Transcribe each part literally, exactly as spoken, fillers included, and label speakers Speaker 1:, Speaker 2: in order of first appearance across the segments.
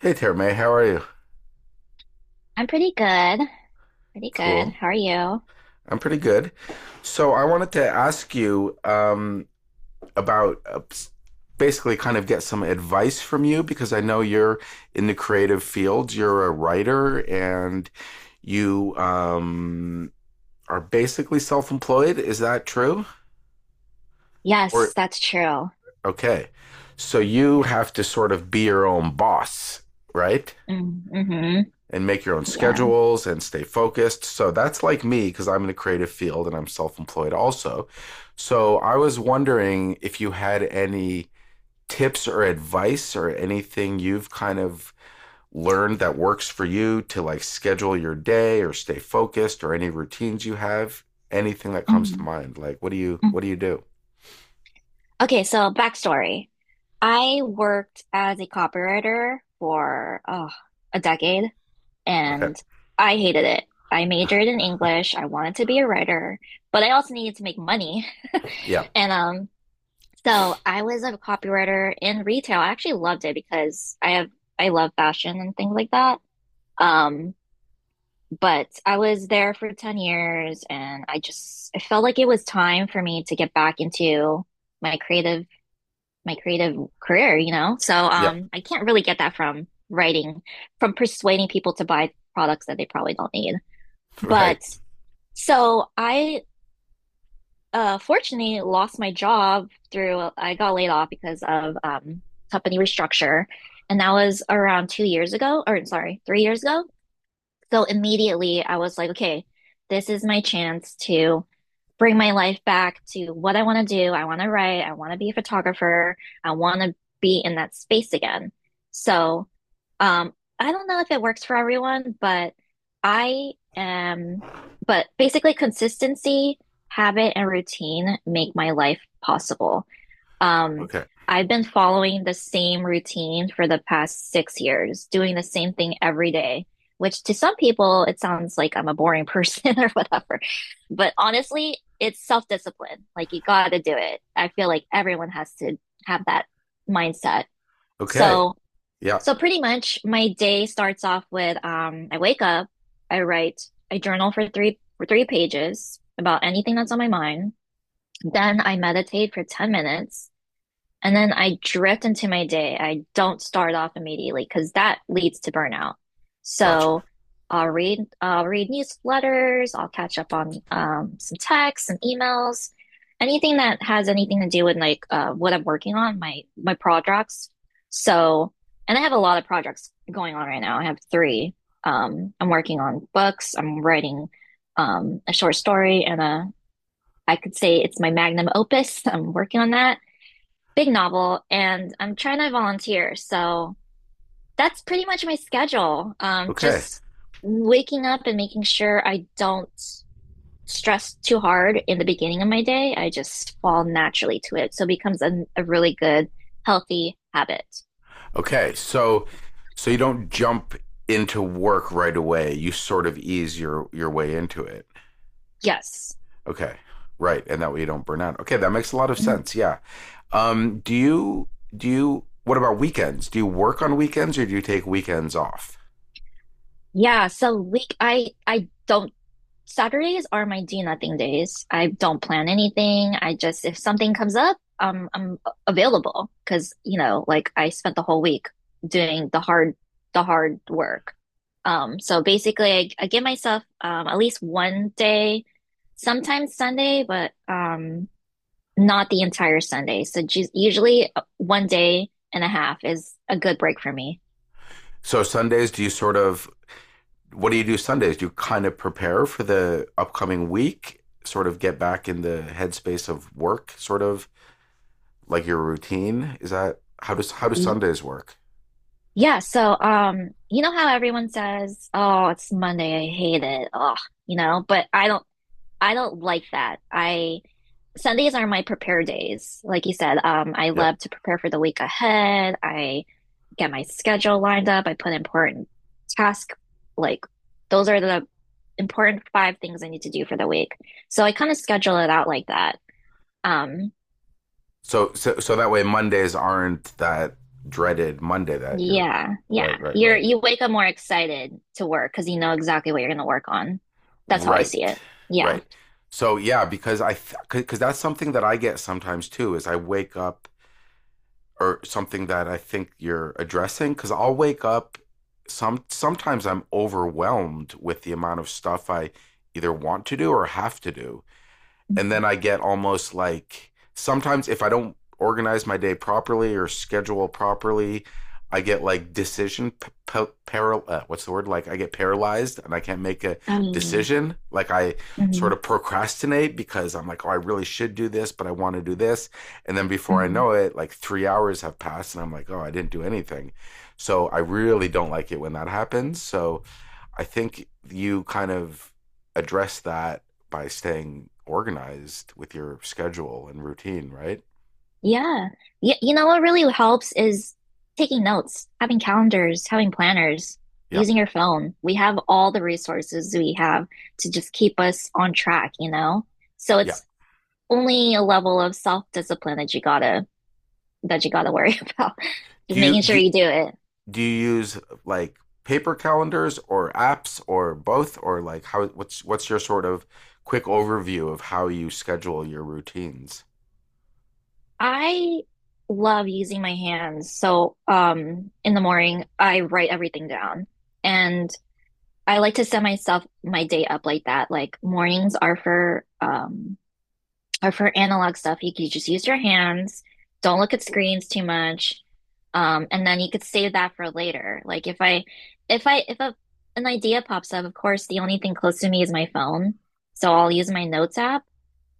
Speaker 1: Hey, Terme, how are you?
Speaker 2: I'm pretty good. Pretty good.
Speaker 1: Cool.
Speaker 2: How are you?
Speaker 1: I'm pretty good. So I wanted to ask you um, about uh, s- basically kind of get some advice from you because I know you're in the creative field. You're a writer and you um, are basically self-employed. Is that true?
Speaker 2: Yes,
Speaker 1: Or
Speaker 2: that's true.
Speaker 1: okay. So you
Speaker 2: Yeah.
Speaker 1: have to sort of be your own boss, right?
Speaker 2: Mm, hmm
Speaker 1: And make your own
Speaker 2: Yeah.
Speaker 1: schedules and stay focused. So that's like me because I'm in a creative field and I'm self employed also. So I was wondering if you had any tips or advice or anything you've kind of learned that works for you to like schedule your day or stay focused or any routines you have, anything that comes to
Speaker 2: Mhm.
Speaker 1: mind. Like what do you what
Speaker 2: Mm.
Speaker 1: do you do?
Speaker 2: Okay, so backstory. I worked as a copywriter for oh, a decade,
Speaker 1: Okay.
Speaker 2: and I hated it. I majored in English. I wanted to be a writer, but I also needed to make money.
Speaker 1: Yeah.
Speaker 2: And um, so I was a copywriter in retail. I actually loved it because I have I love fashion and things like that. Um, But I was there for ten years, and I just I felt like it was time for me to get back into my creative my creative career, you know? So
Speaker 1: Yep.
Speaker 2: um I can't really get that from writing, from persuading people to buy products that they probably don't need.
Speaker 1: Right.
Speaker 2: But so I uh Fortunately, lost my job through I got laid off because of um company restructure, and that was around two years ago. Or, sorry, three years ago. So immediately I was like, okay, this is my chance to bring my life back to what I want to do. I want to write. I want to be a photographer. I want to be in that space again. So, um, I don't know if it works for everyone, but I am, but basically consistency, habit, and routine make my life possible. Um,
Speaker 1: Okay.
Speaker 2: I've been following the same routine for the past six years, doing the same thing every day, which to some people, it sounds like I'm a boring person, or whatever. But honestly, it's self-discipline. Like, you gotta do it. I feel like everyone has to have that mindset.
Speaker 1: Okay.
Speaker 2: So,
Speaker 1: Yeah.
Speaker 2: so pretty much my day starts off with, um, I wake up, I write, I journal for three, for three pages about anything that's on my mind. Then I meditate for ten minutes. And then I drift into my day. I don't start off immediately because that leads to burnout.
Speaker 1: Gotcha.
Speaker 2: So I'll read I'll read newsletters, I'll catch up on um, some texts and emails, anything that has anything to do with like uh, what I'm working on, my my projects. So, and I have a lot of projects going on right now. I have three. Um, I'm working on books, I'm writing um, a short story, and a I could say it's my magnum opus. I'm working on that big novel, and I'm trying to volunteer. So that's pretty much my schedule. Um,
Speaker 1: Okay.
Speaker 2: just waking up and making sure I don't stress too hard in the beginning of my day. I just fall naturally to it. So it becomes a, a really good, healthy habit.
Speaker 1: Okay, so so you don't jump into work right away. You sort of ease your your way into it.
Speaker 2: Yes.
Speaker 1: Okay. Right, and that way you don't burn out. Okay, that makes a lot of
Speaker 2: Mhm.
Speaker 1: sense. Yeah. Um do you do you what about weekends? Do you work on weekends or do you take weekends off?
Speaker 2: Yeah. So week, I, I don't Saturdays are my do nothing days. I don't plan anything. I just, if something comes up, um, I'm available because, you know, like, I spent the whole week doing the hard, the hard work. Um, so basically I, I give myself, um, at least one day, sometimes Sunday, but, um, not the entire Sunday. So ju- usually uh, one day and a half is a good break for me.
Speaker 1: So Sundays, do you sort of, what do you do Sundays? Do you kind of prepare for the upcoming week? Sort of get back in the headspace of work, sort of like your routine. Is that, how does, how do Sundays work?
Speaker 2: Yeah, so um, you know how everyone says, "Oh, it's Monday, I hate it." Oh, you know, but I don't I don't like that. I Sundays are my prepare days. Like you said, um, I
Speaker 1: Yeah.
Speaker 2: love to prepare for the week ahead. I get my schedule lined up. I put important task like Those are the important five things I need to do for the week. So I kind of schedule it out like that. Um,
Speaker 1: So so so that way Mondays aren't that dreaded Monday that you're,
Speaker 2: Yeah, yeah.
Speaker 1: right right
Speaker 2: You're
Speaker 1: right
Speaker 2: you wake up more excited to work because you know exactly what you're going to work on. That's how I
Speaker 1: right
Speaker 2: see it. Yeah.
Speaker 1: right. So yeah, because I, because that's something that I get sometimes too. Is I wake up, or something that I think you're addressing, because I'll wake up some sometimes I'm overwhelmed with the amount of stuff I either want to do or have to do, and then I get almost like, sometimes if I don't organize my day properly or schedule properly, I get like decision p- p- paral- uh, what's the word, like I get paralyzed and I can't make a
Speaker 2: Um,
Speaker 1: decision. Like I sort
Speaker 2: mhm,
Speaker 1: of procrastinate because I'm like, oh, I really should do this, but I want to do this, and then before I
Speaker 2: mhm.
Speaker 1: know it, like three hours have passed, and I'm like, oh, I didn't do anything. So I really don't like it when that happens. So I think you kind of address that by staying organized with your schedule and routine, right?
Speaker 2: Yeah. Y You know what really helps is taking notes, having calendars, having planners,
Speaker 1: Yeah.
Speaker 2: using your phone. We have all the resources we have to just keep us on track, you know? So
Speaker 1: Yeah.
Speaker 2: it's only a level of self-discipline that you gotta that you gotta worry about.
Speaker 1: Do
Speaker 2: Just
Speaker 1: you
Speaker 2: making sure
Speaker 1: do
Speaker 2: you do it.
Speaker 1: do you use like paper calendars or apps or both, or like how, what's what's your sort of quick overview of how you schedule your routines?
Speaker 2: I love using my hands. So, um, in the morning, I write everything down. And I like to set myself my day up like that. Like, mornings are for um are for analog stuff. You can just use your hands. Don't look at screens too much. Um, and then you could save that for later. Like, if I if I if a an idea pops up, of course, the only thing close to me is my phone. So I'll use my notes app,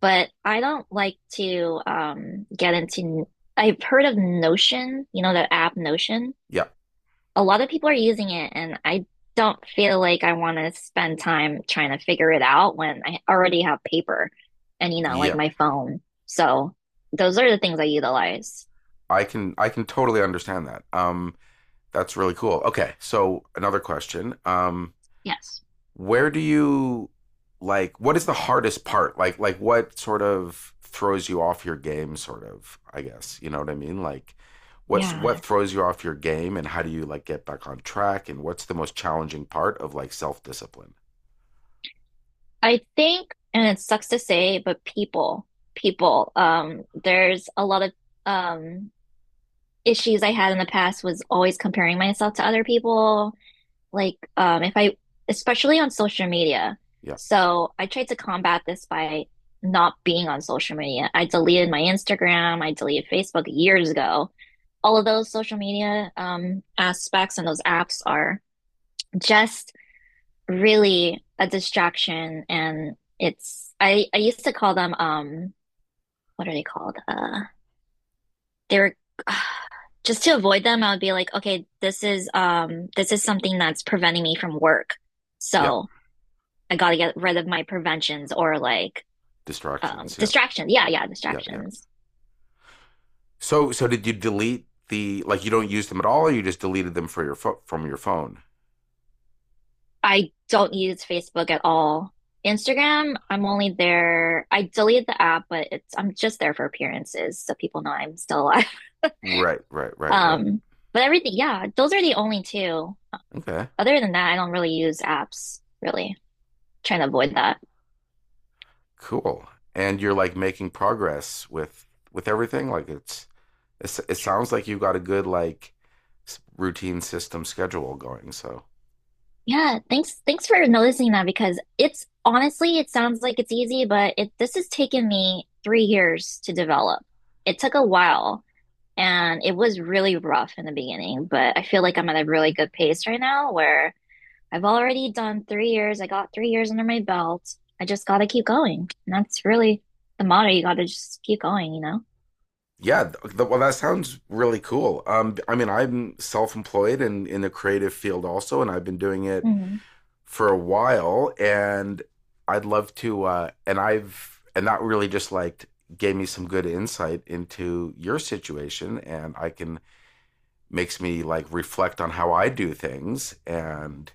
Speaker 2: but I don't like to um, get into. I've heard of Notion, you know, the app Notion.
Speaker 1: Yeah.
Speaker 2: A lot of people are using it, and I don't feel like I want to spend time trying to figure it out when I already have paper and, you know, like,
Speaker 1: Yeah.
Speaker 2: my phone. So those are the things I utilize.
Speaker 1: I can I can totally understand that. Um that's really cool. Okay, so another question. Um
Speaker 2: Yes.
Speaker 1: where do you, like what is the hardest part? Like like what sort of throws you off your game sort of, I guess. You know what I mean? Like what's, what
Speaker 2: Yeah.
Speaker 1: throws you off your game and how do you like get back on track, and what's the most challenging part of like self-discipline?
Speaker 2: I think, and it sucks to say, but people, people, um, there's a lot of um issues I had in the past was always comparing myself to other people, like, um if I especially on social media.
Speaker 1: Yeah.
Speaker 2: So I tried to combat this by not being on social media. I deleted my Instagram, I deleted Facebook years ago. All of those social media um aspects and those apps are just really a distraction, and it's I I used to call them um what are they called? Uh they were uh, just to avoid them, I would be like, okay, this is um this is something that's preventing me from work.
Speaker 1: Yeah.
Speaker 2: So I got to get rid of my preventions, or like, um,
Speaker 1: Distractions. Yeah.
Speaker 2: distractions. Yeah, yeah,
Speaker 1: Yeah, yeah.
Speaker 2: distractions.
Speaker 1: So so did you delete the, like you don't use them at all, or you just deleted them for your fo- from your phone?
Speaker 2: I don't use Facebook at all. Instagram, I'm only there. I deleted the app, but it's I'm just there for appearances so people know I'm still alive.
Speaker 1: Right, right, right, right.
Speaker 2: Um, but everything, yeah, those are the only two.
Speaker 1: Okay.
Speaker 2: Other than that, I don't really use apps, really. Trying to avoid that.
Speaker 1: Cool. And you're like making progress with with everything, like it's, It, it sounds like you've got a good like routine system schedule going. So
Speaker 2: Yeah, thanks thanks for noticing that, because it's honestly, it sounds like it's easy, but it this has taken me three years to develop. It took a while. And it was really rough in the beginning, but I feel like I'm at a really good pace right now where I've already done three years. I got three years under my belt. I just got to keep going. And that's really the motto. You got to just keep going, you know?
Speaker 1: yeah, th- well that sounds really cool. Um, I mean, I'm self-employed and in the creative field also, and I've been doing it
Speaker 2: Hmm
Speaker 1: for a while, and I'd love to. Uh, and I've and that really just like gave me some good insight into your situation, and I can, makes me like reflect on how I do things, and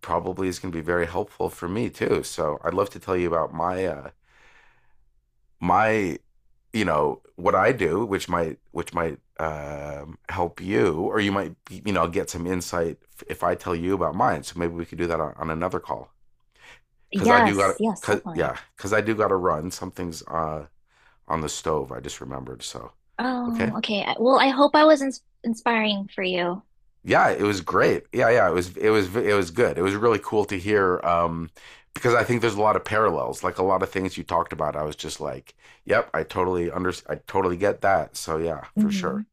Speaker 1: probably is going to be very helpful for me too. So I'd love to tell you about my uh, my you know what I do, which might which might um, help you, or you might you know get some insight if I tell you about mine. So maybe we could do that on, on another call because I do
Speaker 2: Yes,
Speaker 1: got,
Speaker 2: yes,
Speaker 1: cause
Speaker 2: definitely.
Speaker 1: yeah because I do got to run. Something's uh, on the stove. I just remembered. So okay.
Speaker 2: Oh, okay. I- Well, I hope I was ins inspiring for you.
Speaker 1: Yeah, it was great. Yeah, yeah, it was it was it was good. It was really cool to hear um, because I think there's a lot of parallels. Like a lot of things you talked about, I was just like, "Yep, I totally under I totally get that." So yeah, for sure.
Speaker 2: Hmm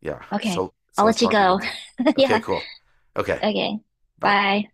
Speaker 1: Yeah.
Speaker 2: Okay.
Speaker 1: So so
Speaker 2: I'll
Speaker 1: let's
Speaker 2: let you
Speaker 1: talk again
Speaker 2: go.
Speaker 1: soon. Okay,
Speaker 2: Yeah.
Speaker 1: cool. Okay,
Speaker 2: Okay.
Speaker 1: bye.
Speaker 2: Bye.